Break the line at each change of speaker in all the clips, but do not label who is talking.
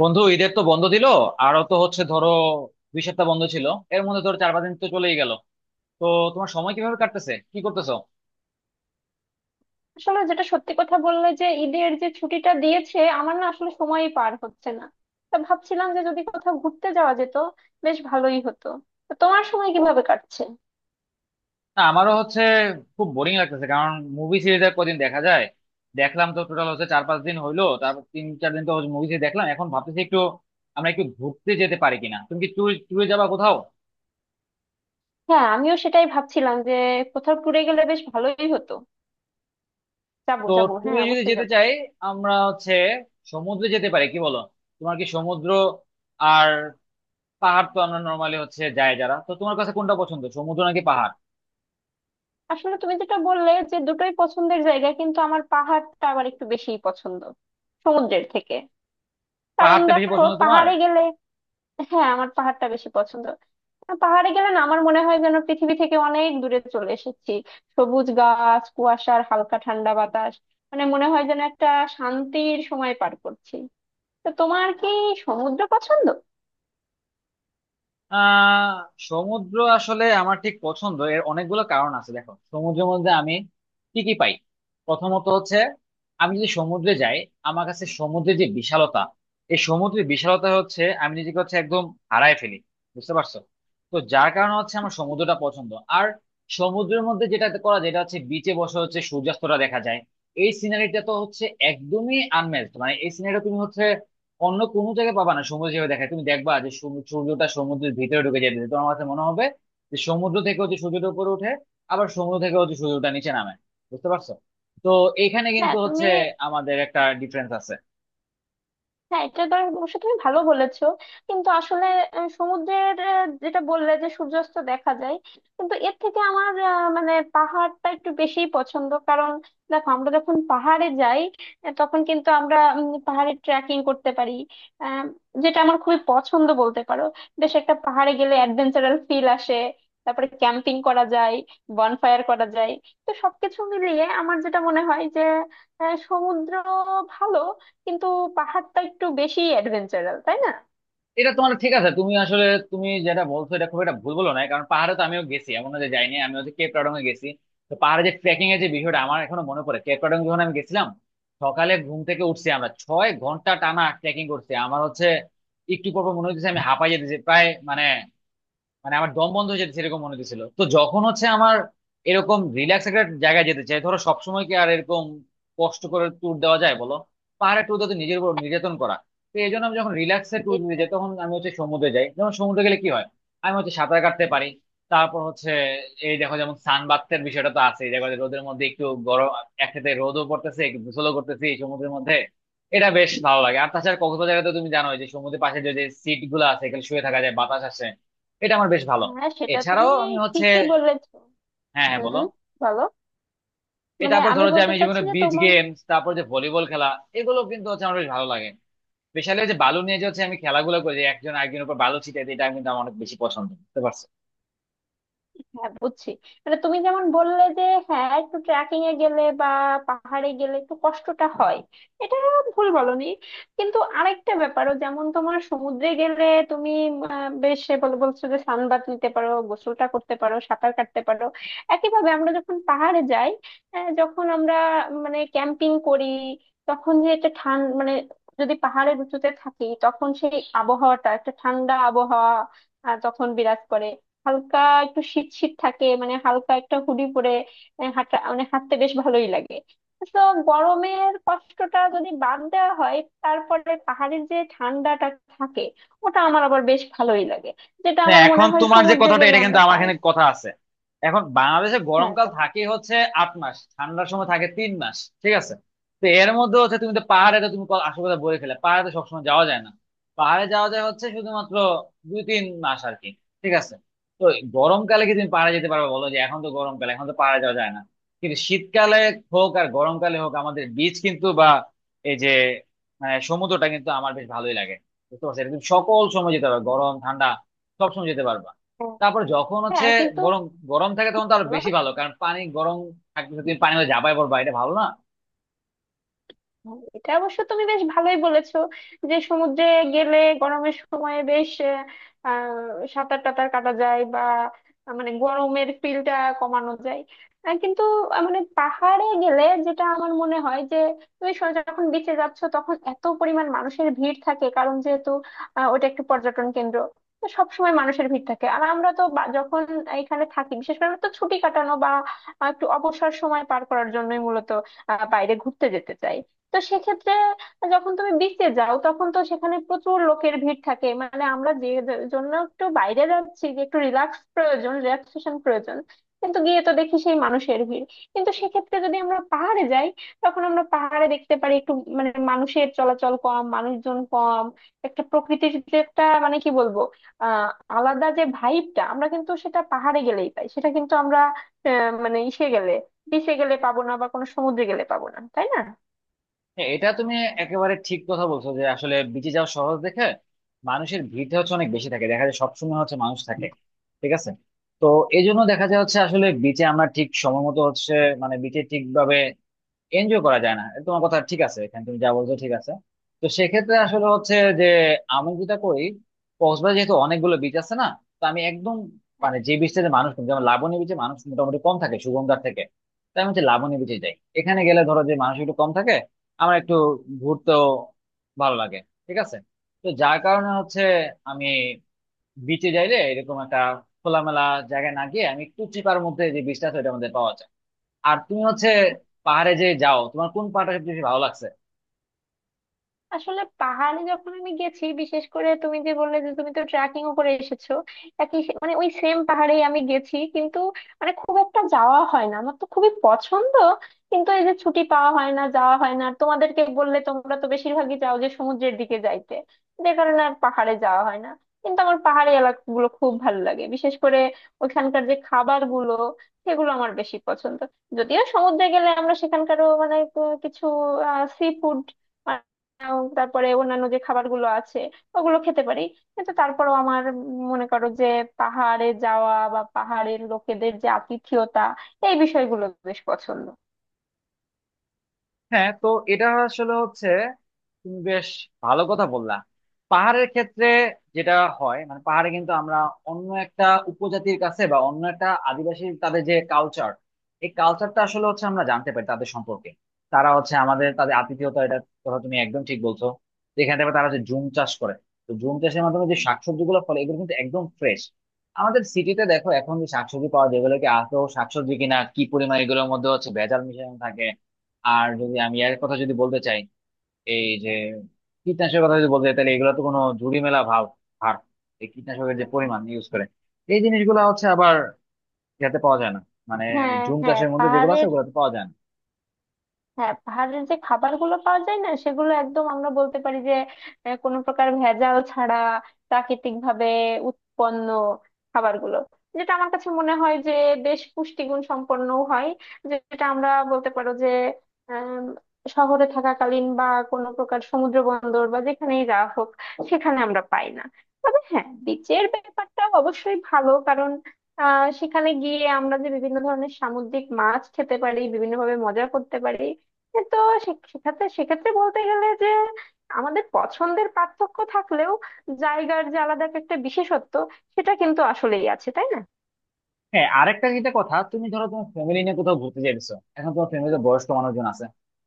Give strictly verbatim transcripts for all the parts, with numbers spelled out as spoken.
বন্ধু, ঈদের তো বন্ধ দিল। আরো তো হচ্ছে ধরো দুই সপ্তাহ বন্ধ ছিল। এর মধ্যে ধরো চার পাঁচ দিন তো চলেই গেল। তো তোমার সময় কিভাবে কাটতেছে, কি করতেছো?
আসলে যেটা সত্যি কথা বললে যে ঈদের যে ছুটিটা দিয়েছে আমার না আসলে সময়ই পার হচ্ছে না। তা ভাবছিলাম যে যদি কোথাও ঘুরতে যাওয়া যেত, বেশ ভালোই হতো। তো তোমার সময় কিভাবে কাটছে?
না, আমারও হচ্ছে। খুব বোরিং লাগতেছে কারণ মুভি সিরিজ আর কদিন দেখা যায়? দেখলাম তো, টোটাল হচ্ছে চার পাঁচ দিন হইলো, তারপর তিন চার দিন তো মুভি সিরিজ দেখলাম। এখন ভাবতেছি একটু আমরা একটু ঘুরতে যেতে পারি কিনা। তুমি কি ট্যুরে ট্যুরে যাবা কোথাও?
হ্যাঁ, আমিও সেটাই ভাবছিলাম যে কোথাও ট্যুরে গেলে বেশ ভালোই হতো। যাবো
তো
যাবো, হ্যাঁ,
ট্যুরে যদি
অবশ্যই
যেতে
যাবো।
চাই আমরা হচ্ছে সমুদ্রে যেতে পারি, কি বলো? তোমার কি সমুদ্র আর পাহাড়, তো আমরা নরমালি হচ্ছে যায় যারা, তো তোমার কাছে কোনটা পছন্দ, সমুদ্র নাকি পাহাড়?
আসলে তুমি যেটা বললে যে দুটোই পছন্দের জায়গা, কিন্তু আমার পাহাড়টা আবার একটু বেশিই পছন্দ সমুদ্রের থেকে। কারণ
পাহাড়টা বেশি
দেখো,
পছন্দ তোমার।
পাহাড়ে গেলে। হ্যাঁ, আমার পাহাড়টা বেশি পছন্দ। আর পাহাড়ে গেলে না, আমার মনে হয় যেন পৃথিবী থেকে অনেক দূরে চলে এসেছি। সবুজ গাছ, কুয়াশার হালকা ঠান্ডা বাতাস, মানে মনে হয় যেন একটা শান্তির সময় পার করছি। তো তোমার কি সমুদ্র পছন্দ?
আহ সমুদ্র আসলে আমার ঠিক পছন্দ, এর অনেকগুলো কারণ আছে। দেখো সমুদ্রের মধ্যে আমি কি কি পাই, প্রথমত হচ্ছে আমি যদি সমুদ্রে যাই আমার কাছে সমুদ্রের যে বিশালতা, এই সমুদ্রের বিশালতা হচ্ছে আমি নিজেকে হচ্ছে একদম হারায় ফেলি, বুঝতে পারছো? তো যার কারণে হচ্ছে আমার সমুদ্রটা পছন্দ। আর সমুদ্রের মধ্যে যেটা করা যেটা হচ্ছে বিচে বসে হচ্ছে সূর্যাস্তটা দেখা যায়, এই সিনারিটা তো হচ্ছে একদমই আনম্যাচড। মানে এই সিনারিটা তুমি হচ্ছে অন্য কোনো জায়গায় পাবা না। সমুদ্র যেভাবে দেখায় তুমি দেখবা যে সমু- সূর্যটা সমুদ্রের ভিতরে ঢুকে যেতে তোমার কাছে মনে হবে যে সমুদ্র থেকে হচ্ছে সূর্যটা উপরে ওঠে, আবার সমুদ্র থেকে হচ্ছে সূর্যটা নিচে নামে। বুঝতে পারছো? তো এখানে
হ্যাঁ,
কিন্তু হচ্ছে
তুমি।
আমাদের একটা ডিফারেন্স আছে।
হ্যাঁ, এটা তো অবশ্য তুমি ভালো বলেছো। কিন্তু আসলে আহ, সমুদ্রের আহ, যেটা বললে যে সূর্যাস্ত দেখা যায়। কিন্তু এর থেকে আমার আহ, মানে পাহাড়টা একটু বেশি পছন্দ কারণ দেখো, আমরা যখন পাহাড়ে যাই, আহ, তখন কিন্তু আমরা উম, পাহাড়ে ট্রেকিং করতে পারি। আহ, যেটা আমার খুবই পছন্দ বলতে পারো। বেশ একটা, পাহাড়ে গেলে অ্যাডভেঞ্চারাল ফিল আসে। তারপরে ক্যাম্পিং করা যায়, বনফায়ার করা যায়। তো সবকিছু মিলিয়ে আমার যেটা মনে হয় যে আহ, সমুদ্র ভালো, কিন্তু পাহাড়টা একটু বেশি অ্যাডভেঞ্চারাল, তাই না?
এটা তোমার ঠিক আছে, তুমি আসলে তুমি যেটা বলছো এটা খুব একটা ভুল বলো না, কারণ পাহাড়ে তো আমিও গেছি, এমন না যে যাইনি। আমি হচ্ছে কেপ টাউডং এ গেছি। তো পাহাড়ে যে ট্রেকিং এর যে বিষয়টা আমার এখনো মনে পড়ে, কেপ টাউডং যখন আমি গেছিলাম সকালে ঘুম থেকে উঠছি আমরা ছয় ঘন্টা টানা ট্রেকিং করছি। আমার হচ্ছে একটু পর পর মনে হচ্ছে আমি হাঁপাই যেতেছি প্রায়, মানে মানে আমার দম বন্ধ হয়ে যেত সেরকম মনে হচ্ছিল। তো যখন হচ্ছে আমার এরকম রিল্যাক্স একটা জায়গায় যেতে চাই, ধরো সবসময় কি আর এরকম কষ্ট করে ট্যুর দেওয়া যায় বলো? পাহাড়ে ট্যুর দেওয়া তো নিজের উপর নির্যাতন করা। তো এই জন্য আমি যখন রিল্যাক্সে ট্যুর দিতে
এতে।
যাই তখন আমি হচ্ছে সমুদ্রে যাই। যেমন সমুদ্রে গেলে কি হয়, আমি হচ্ছে সাঁতার কাটতে পারি। তারপর হচ্ছে এই দেখো যেমন সানবাথের বিষয়টা তো আছে, দেখো যে রোদের মধ্যে একটু গরম, একসাথে রোদও পড়তেছে একটু গোসলও করতেছি এই সমুদ্রের মধ্যে, এটা বেশ ভালো লাগে। আর তাছাড়া কক্সবাজারে তো তুমি জানোই যে সমুদ্রের পাশে যে সিট গুলো আছে, এখানে শুয়ে থাকা যায়, বাতাস আসে, এটা আমার বেশ ভালো।
হ্যাঁ, সেটা
এছাড়াও
তুমি
আমি হচ্ছে
ঠিকই বলেছো।
হ্যাঁ হ্যাঁ বলো,
হুম। বলো।
এটা
মানে
আবার
আমি
ধরো যে
বলতে
আমি
চাচ্ছি
জীবনে
যে
বিচ
তোমার।
গেমস তারপর যে ভলিবল খেলা, এগুলো কিন্তু হচ্ছে আমার বেশ ভালো লাগে। স্পেশালি যে বালু নিয়ে যে হচ্ছে আমি খেলাগুলো করি, যে একজন আরেকজনের উপর বালু ছিটাই দিই, এটা কিন্তু আমার অনেক বেশি পছন্দ, বুঝতে পারছো?
হ্যাঁ, বুঝছি। মানে তুমি যেমন বললে যে হ্যাঁ, একটু ট্রেকিং এ গেলে বা পাহাড়ে গেলে একটু কষ্টটা হয়, এটা ভুল বলনি। কিন্তু আরেকটা ব্যাপারও, যেমন তোমার সমুদ্রে গেলে তুমি আহ, বেশ বল বলছো যে সানবাথ নিতে পারো, গোসলটা করতে পারো, সাঁতার কাটতে পারো। একইভাবে আমরা যখন পাহাড়ে যাই, আহ, যখন আমরা মানে ক্যাম্পিং করি, তখন যে একটা ঠান মানে, যদি পাহাড়ের উঁচুতে থাকি তখন সেই আবহাওয়াটা একটা ঠান্ডা আবহাওয়া আহ, তখন বিরাজ করে। হালকা একটু শীত শীত থাকে, মানে হালকা একটা হুডি পরে আহ, হাঁটা মানে হাঁটতে বেশ ভালোই লাগে। তো গরমের কষ্টটা যদি বাদ দেওয়া হয়, তারপরে পাহাড়ের যে ঠান্ডাটা থাকে ওটা আমার আবার বেশ ভালোই লাগে, যেটা
না
আমার মনে
এখন
হয়
তোমার যে
সমুদ্রে
কথাটা
গেলে
এটা কিন্তু
আমরা
আমার
পাই
এখানে
না।
কথা আছে। এখন বাংলাদেশে
হ্যাঁ,
গরমকাল
বলো।
থাকে হচ্ছে আট মাস, ঠান্ডার সময় থাকে তিন মাস, ঠিক আছে? তো এর মধ্যে হচ্ছে তুমি তো পাহাড়ে তো তুমি ক- আসল কথা বলে ফেলে, পাহাড়ে তো সবসময় যাওয়া যায় না। পাহাড়ে যাওয়া যায় হচ্ছে শুধুমাত্র দুই তিন মাস আর কি, ঠিক আছে? তো গরমকালে কি তুমি পাহাড়ে যেতে পারবে বলো, যে এখন তো গরমকালে এখন তো পাহাড়ে যাওয়া যায় না। কিন্তু শীতকালে হোক আর গরমকালে হোক আমাদের বিচ কিন্তু বা এই যে মানে সমুদ্রটা কিন্তু আমার বেশ ভালোই লাগে। বুঝতে পারছো? এটা তুমি সকল সময় যেতে পারবে, গরম ঠান্ডা সবসময় যেতে পারবা। তারপর যখন
হ্যাঁ,
হচ্ছে
হ্যাঁ, কিন্তু
বরং গরম থাকে তখন তো আরো বেশি ভালো, কারণ পানি গরম থাকতেছে, তুমি পানি মধ্যে যাবাই পড়বা, এটা ভালো না?
এটা অবশ্য তুমি বেশ ভালোই বলেছো যে সমুদ্রে গেলে গরমের সময় বেশ আহ, আহ, সাঁতার টাতার কাটা যায়, বা আহ, মানে গরমের ফিলটা কমানো যায়। আহ, কিন্তু আহ, মানে পাহাড়ে গেলে যেটা আমার মনে হয় যে তুমি স- যখন বিচে যাচ্ছ তখন এত পরিমাণ মানুষের ভিড় থাকে, কারণ যেহেতু আহ, ওটা একটি পর্যটন কেন্দ্র। তো সবসময় মানুষের ভিড় থাকে। আর আমরা তো বা- যখন এখানে থাকি, বিশেষ করে আমরা তো ছুটি কাটানো বা আহ, একটু অবসর সময় পার করার জন্যই মূলত আহ, বাইরে ঘুরতে যেতে চাই। তো সেক্ষেত্রে যখন তুমি বিচে যাও তখন তো সেখানে প্রচুর লোকের ভিড় থাকে, মানে আমরা যে যে- জন্য একটু বাইরে যাচ্ছি, যে একটু রিল্যাক্স প্রয়োজন, রিল্যাক্সেশন প্রয়োজন। কিন্তু গিয়ে তো দেখি সেই মানুষের ভিড়। কিন্তু সেক্ষেত্রে যদি আমরা পাহাড়ে যাই, তখন আমরা পাহাড়ে দেখতে পারি একটু, মানে মানুষের চলাচল কম, মানুষজন কম। একটা প্রকৃতির যে একটা, মানে কি বলবো, আহ আলাদা যে ভাইবটা আমরা কিন্তু সেটা পাহাড়ে গেলেই পাই। সেটা কিন্তু আমরা আহ, মানে ইসে গেলে, বিচে গেলে পাবো না, বা কোনো সমুদ্রে গেলে পাবো না, তাই না?
হ্যাঁ এটা তুমি একেবারে ঠিক কথা বলছো, যে আসলে বিচে যাওয়া সহজ দেখে মানুষের ভিড়টা হচ্ছে অনেক বেশি থাকে, দেখা যায় সবসময় হচ্ছে মানুষ থাকে, ঠিক আছে? তো এই জন্য দেখা যায় হচ্ছে আসলে বিচে আমরা ঠিক সময় মতো হচ্ছে মানে বিচে ঠিকভাবে এনজয় করা যায় না। তোমার কথা ঠিক আছে, এখানে তুমি যা বলছো ঠিক আছে। তো সেক্ষেত্রে আসলে হচ্ছে, যে আমি যেটা করি কক্সবাজার যেহেতু অনেকগুলো বিচ আছে না, তো আমি একদম মানে যে বিচটা যে মানুষ কম, যেমন লাবণী বিচে মানুষ মোটামুটি কম থাকে সুগন্ধার থেকে, তাই আমি হচ্ছে লাবণী বিচে যাই, এখানে গেলে ধরো যে মানুষ একটু কম থাকে, আমার একটু ঘুরতেও ভালো লাগে, ঠিক আছে? তো যার কারণে হচ্ছে আমি বিচে যাইলে এরকম একটা খোলামেলা জায়গায় না গিয়ে আমি একটু চিপার মধ্যে যে বিচটা আছে ওইটার মধ্যে পাওয়া যায়। আর তুমি হচ্ছে পাহাড়ে যে যাও তোমার কোন পাহাড়টা সবচেয়ে বেশি ভালো লাগছে?
আসলে পাহাড়ে যখন আমি গেছি, বিশেষ করে তুমি যে বললে যে তুমি তো ট্রেকিং ও করে এসেছো, একই সে- মানে ওই সেম পাহাড়েই আমি গেছি। কিন্তু মানে খুব একটা যাওয়া হয় না, আমার তো খুবই পছন্দ। কিন্তু এই যে ছুটি পাওয়া হয় না, যাওয়া হয় না, আর তোমাদেরকে বললে তোমরা তো বেশিরভাগই যাও যে সমুদ্রের দিকে যাইতে, যে কারণে আর পাহাড়ে যাওয়া হয় না। কিন্তু আমার পাহাড়ি এলাকাগুলো খুব ভালো লাগে, বিশেষ করে ওইখানকার যে খাবার গুলো, সেগুলো আমার বেশি পছন্দ। যদিও সমুদ্রে গেলে আমরা সেখানকারও মানে আহ, কিছু সি ফুড আহ, তারপরে অন্যান্য যে খাবারগুলো আছে ওগুলো খেতে পারি। কিন্তু তারপরেও আমার মনে করো যে পাহাড়ে যাওয়া বা পাহাড়ের লোকেদের যে আতিথেয়তা, এই বিষয়গুলো বেশ পছন্দ।
হ্যাঁ তো এটা আসলে হচ্ছে তুমি বেশ ভালো কথা বললা। পাহাড়ের ক্ষেত্রে যেটা হয়, মানে পাহাড়ে কিন্তু আমরা অন্য একটা উপজাতির কাছে বা অন্য একটা আদিবাসী তাদের যে কালচার, এই কালচারটা আসলে হচ্ছে আমরা জানতে পারি তাদের সম্পর্কে। তারা হচ্ছে আমাদের তাদের আতিথেয়তা, এটা কথা তুমি একদম ঠিক বলছো। যেখানে দেখবে তারা যে জুম চাষ করে, তো জুম চাষের মাধ্যমে যে শাকসবজি গুলো ফলে এগুলো কিন্তু একদম ফ্রেশ। আমাদের সিটিতে দেখো এখন যে শাকসবজি পাওয়া যায় এগুলোকে আদৌ শাকসবজি কিনা, কি পরিমাণ এগুলোর মধ্যে হচ্ছে ভেজাল মিশানো থাকে। আর যদি আমি এর কথা যদি বলতে চাই এই যে কীটনাশকের কথা যদি বলতে চাই তাহলে এগুলো তো কোনো ঝুড়ি মেলা ভাব হার। এই কীটনাশকের যে পরিমাণ ইউজ করে এই জিনিসগুলো হচ্ছে আবার ইয়াতে পাওয়া যায় না, মানে
হ্যাঁ,
ঝুম
হ্যাঁ,
চাষের মধ্যে যেগুলো আছে
পাহাড়ের।
ওগুলোতে পাওয়া যায় না।
হ্যাঁ, পাহাড়ের যে খাবারগুলো পাওয়া যায় না সেগুলো একদম, আমরা বলতে পারি যে আহ, কোনো প্রকার ভেজাল ছাড়া, প্রাকৃতিক ভাবে উৎপন্ন খাবারগুলো, যেটা আমার কাছে মনে হয় যে বেশ পুষ্টিগুণ সম্পন্ন হয়। যেটা আমরা বলতে পারো যে আম, শহরে থাকাকালীন বা কোনো প্রকার সমুদ্র বন্দর বা যেখানেই যাওয়া হোক, সেখানে আমরা পাই না। তবে হ্যাঁ, বিচের ব্যাপারটা অবশ্যই ভালো, কারণ আহ সেখানে গিয়ে আমরা যে বিভিন্ন ধরনের সামুদ্রিক মাছ খেতে পারি, বিভিন্নভাবে মজা করতে পারি। এ তো সে- সেক্ষেত্রে সেক্ষেত্রে বলতে গেলে যে আমাদের পছন্দের পার্থক্য থাকলেও জায়গার যে আলাদা একটা বিশেষত্ব, সেটা কিন্তু আসলেই আছে, তাই না?
হ্যাঁ আরেকটা যেটা কথা তুমি ধরো তোমার ফ্যামিলি নিয়ে কোথাও ঘুরতে যাইতেছো, এখন তোমার ফ্যামিলিতে বয়স্ক মানুষজন আছে,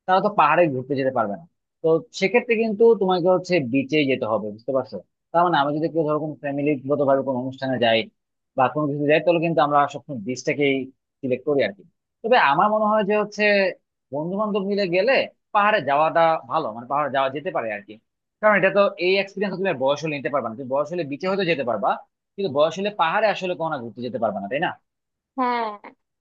তারা তো পাহাড়ে ঘুরতে যেতে পারবে না। তো সেক্ষেত্রে কিন্তু তোমাকে হচ্ছে বিচে যেতে হবে, বুঝতে পারছো? তার মানে আমি যদি কেউ ধরো কোনো ফ্যামিলিগত ভাবে কোনো অনুষ্ঠানে যাই বা কোনো কিছু যাই তাহলে কিন্তু আমরা সবসময় বিচটাকেই সিলেক্ট করি আর কি। তবে আমার মনে হয় যে হচ্ছে বন্ধু বান্ধব মিলে গেলে পাহাড়ে যাওয়াটা ভালো, মানে পাহাড়ে যাওয়া যেতে পারে আর কি। কারণ এটা তো এই এক্সপিরিয়েন্স তুমি আর বয়স হলে নিতে পারবে না, তুমি বয়স হলে বিচে হয়তো যেতে পারবা কিন্তু বয়স হলে পাহাড়ে আসলে কখনো ঘুরতে যেতে পারবে না, তাই না?
হ্যাঁ,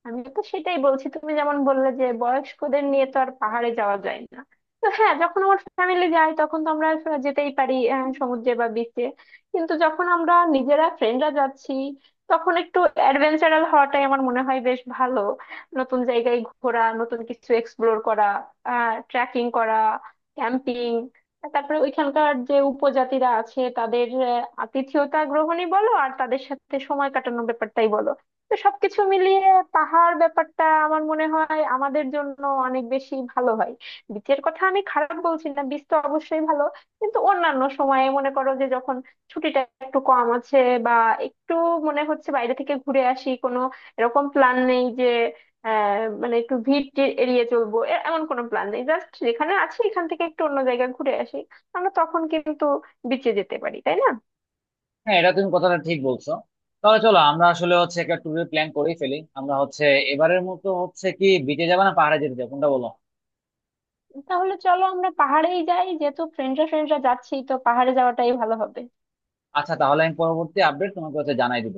আমি তো সেটাই বলছি, তুমি যেমন বললে যে বয়স্কদের নিয়ে তো আর পাহাড়ে যাওয়া যায় না। তো হ্যাঁ, যখন আমার ফ্যামিলি যায় তখন তো আমরা স- যেতেই পারি আহ, সমুদ্রে বা বিচে। কিন্তু যখন আমরা নিজেরা ফ্রেন্ডরা যাচ্ছি, তখন একটু অ্যাডভেঞ্চারাল হওয়াটাই আমার মনে হয় বেশ ভালো। নতুন জায়গায় ঘোরা, নতুন কিছু এক্সপ্লোর করা, আহ ট্রেকিং করা, ক্যাম্পিং, তারপরে ওইখানকার যে উপজাতিরা আছে তাদের আহ, আতিথেয়তা গ্রহণই বলো আর তাদের সাথে সময় কাটানোর ব্যাপারটাই বলো। তো সবকিছু মিলিয়ে পাহাড় ব্যাপারটা আমার মনে হয় আমাদের জন্য অনেক বেশি ভালো হয়। বিচের কথা আমি খারাপ বলছি না, বিচ তো অবশ্যই ভালো। কিন্তু অন্যান্য সময়ে মনে করো যে যখন ছুটিটা একটু কম আছে, বা একটু মনে হচ্ছে বাইরে থেকে ঘুরে আসি, কোনো এরকম প্ল্যান নেই যে আহ মানে একটু ভিড় টিড় এড়িয়ে চলবো, এ- এমন কোনো প্ল্যান নেই, জাস্ট যেখানে আছি এখান থেকে একটু অন্য জায়গায় ঘুরে আসি, আমরা তখন কিন্তু বিচে যেতে পারি, তাই না?
হ্যাঁ এটা তুমি কথাটা ঠিক বলছো। তাহলে চলো আমরা আসলে হচ্ছে একটা ট্যুরের প্ল্যান করেই ফেলি, আমরা হচ্ছে এবারের মতো হচ্ছে কি বিচে যাবে না পাহাড়ে যেতে যাবো, কোনটা বলো?
তাহলে চলো আমরা পাহাড়েই যাই, যেহেতু ফ্রেন্ডরা ফ্রেন্ডরা যাচ্ছি তো পাহাড়ে যাওয়াটাই ভালো হবে।
আচ্ছা তাহলে আমি পরবর্তী আপডেট তোমাকে হচ্ছে জানাই দিব।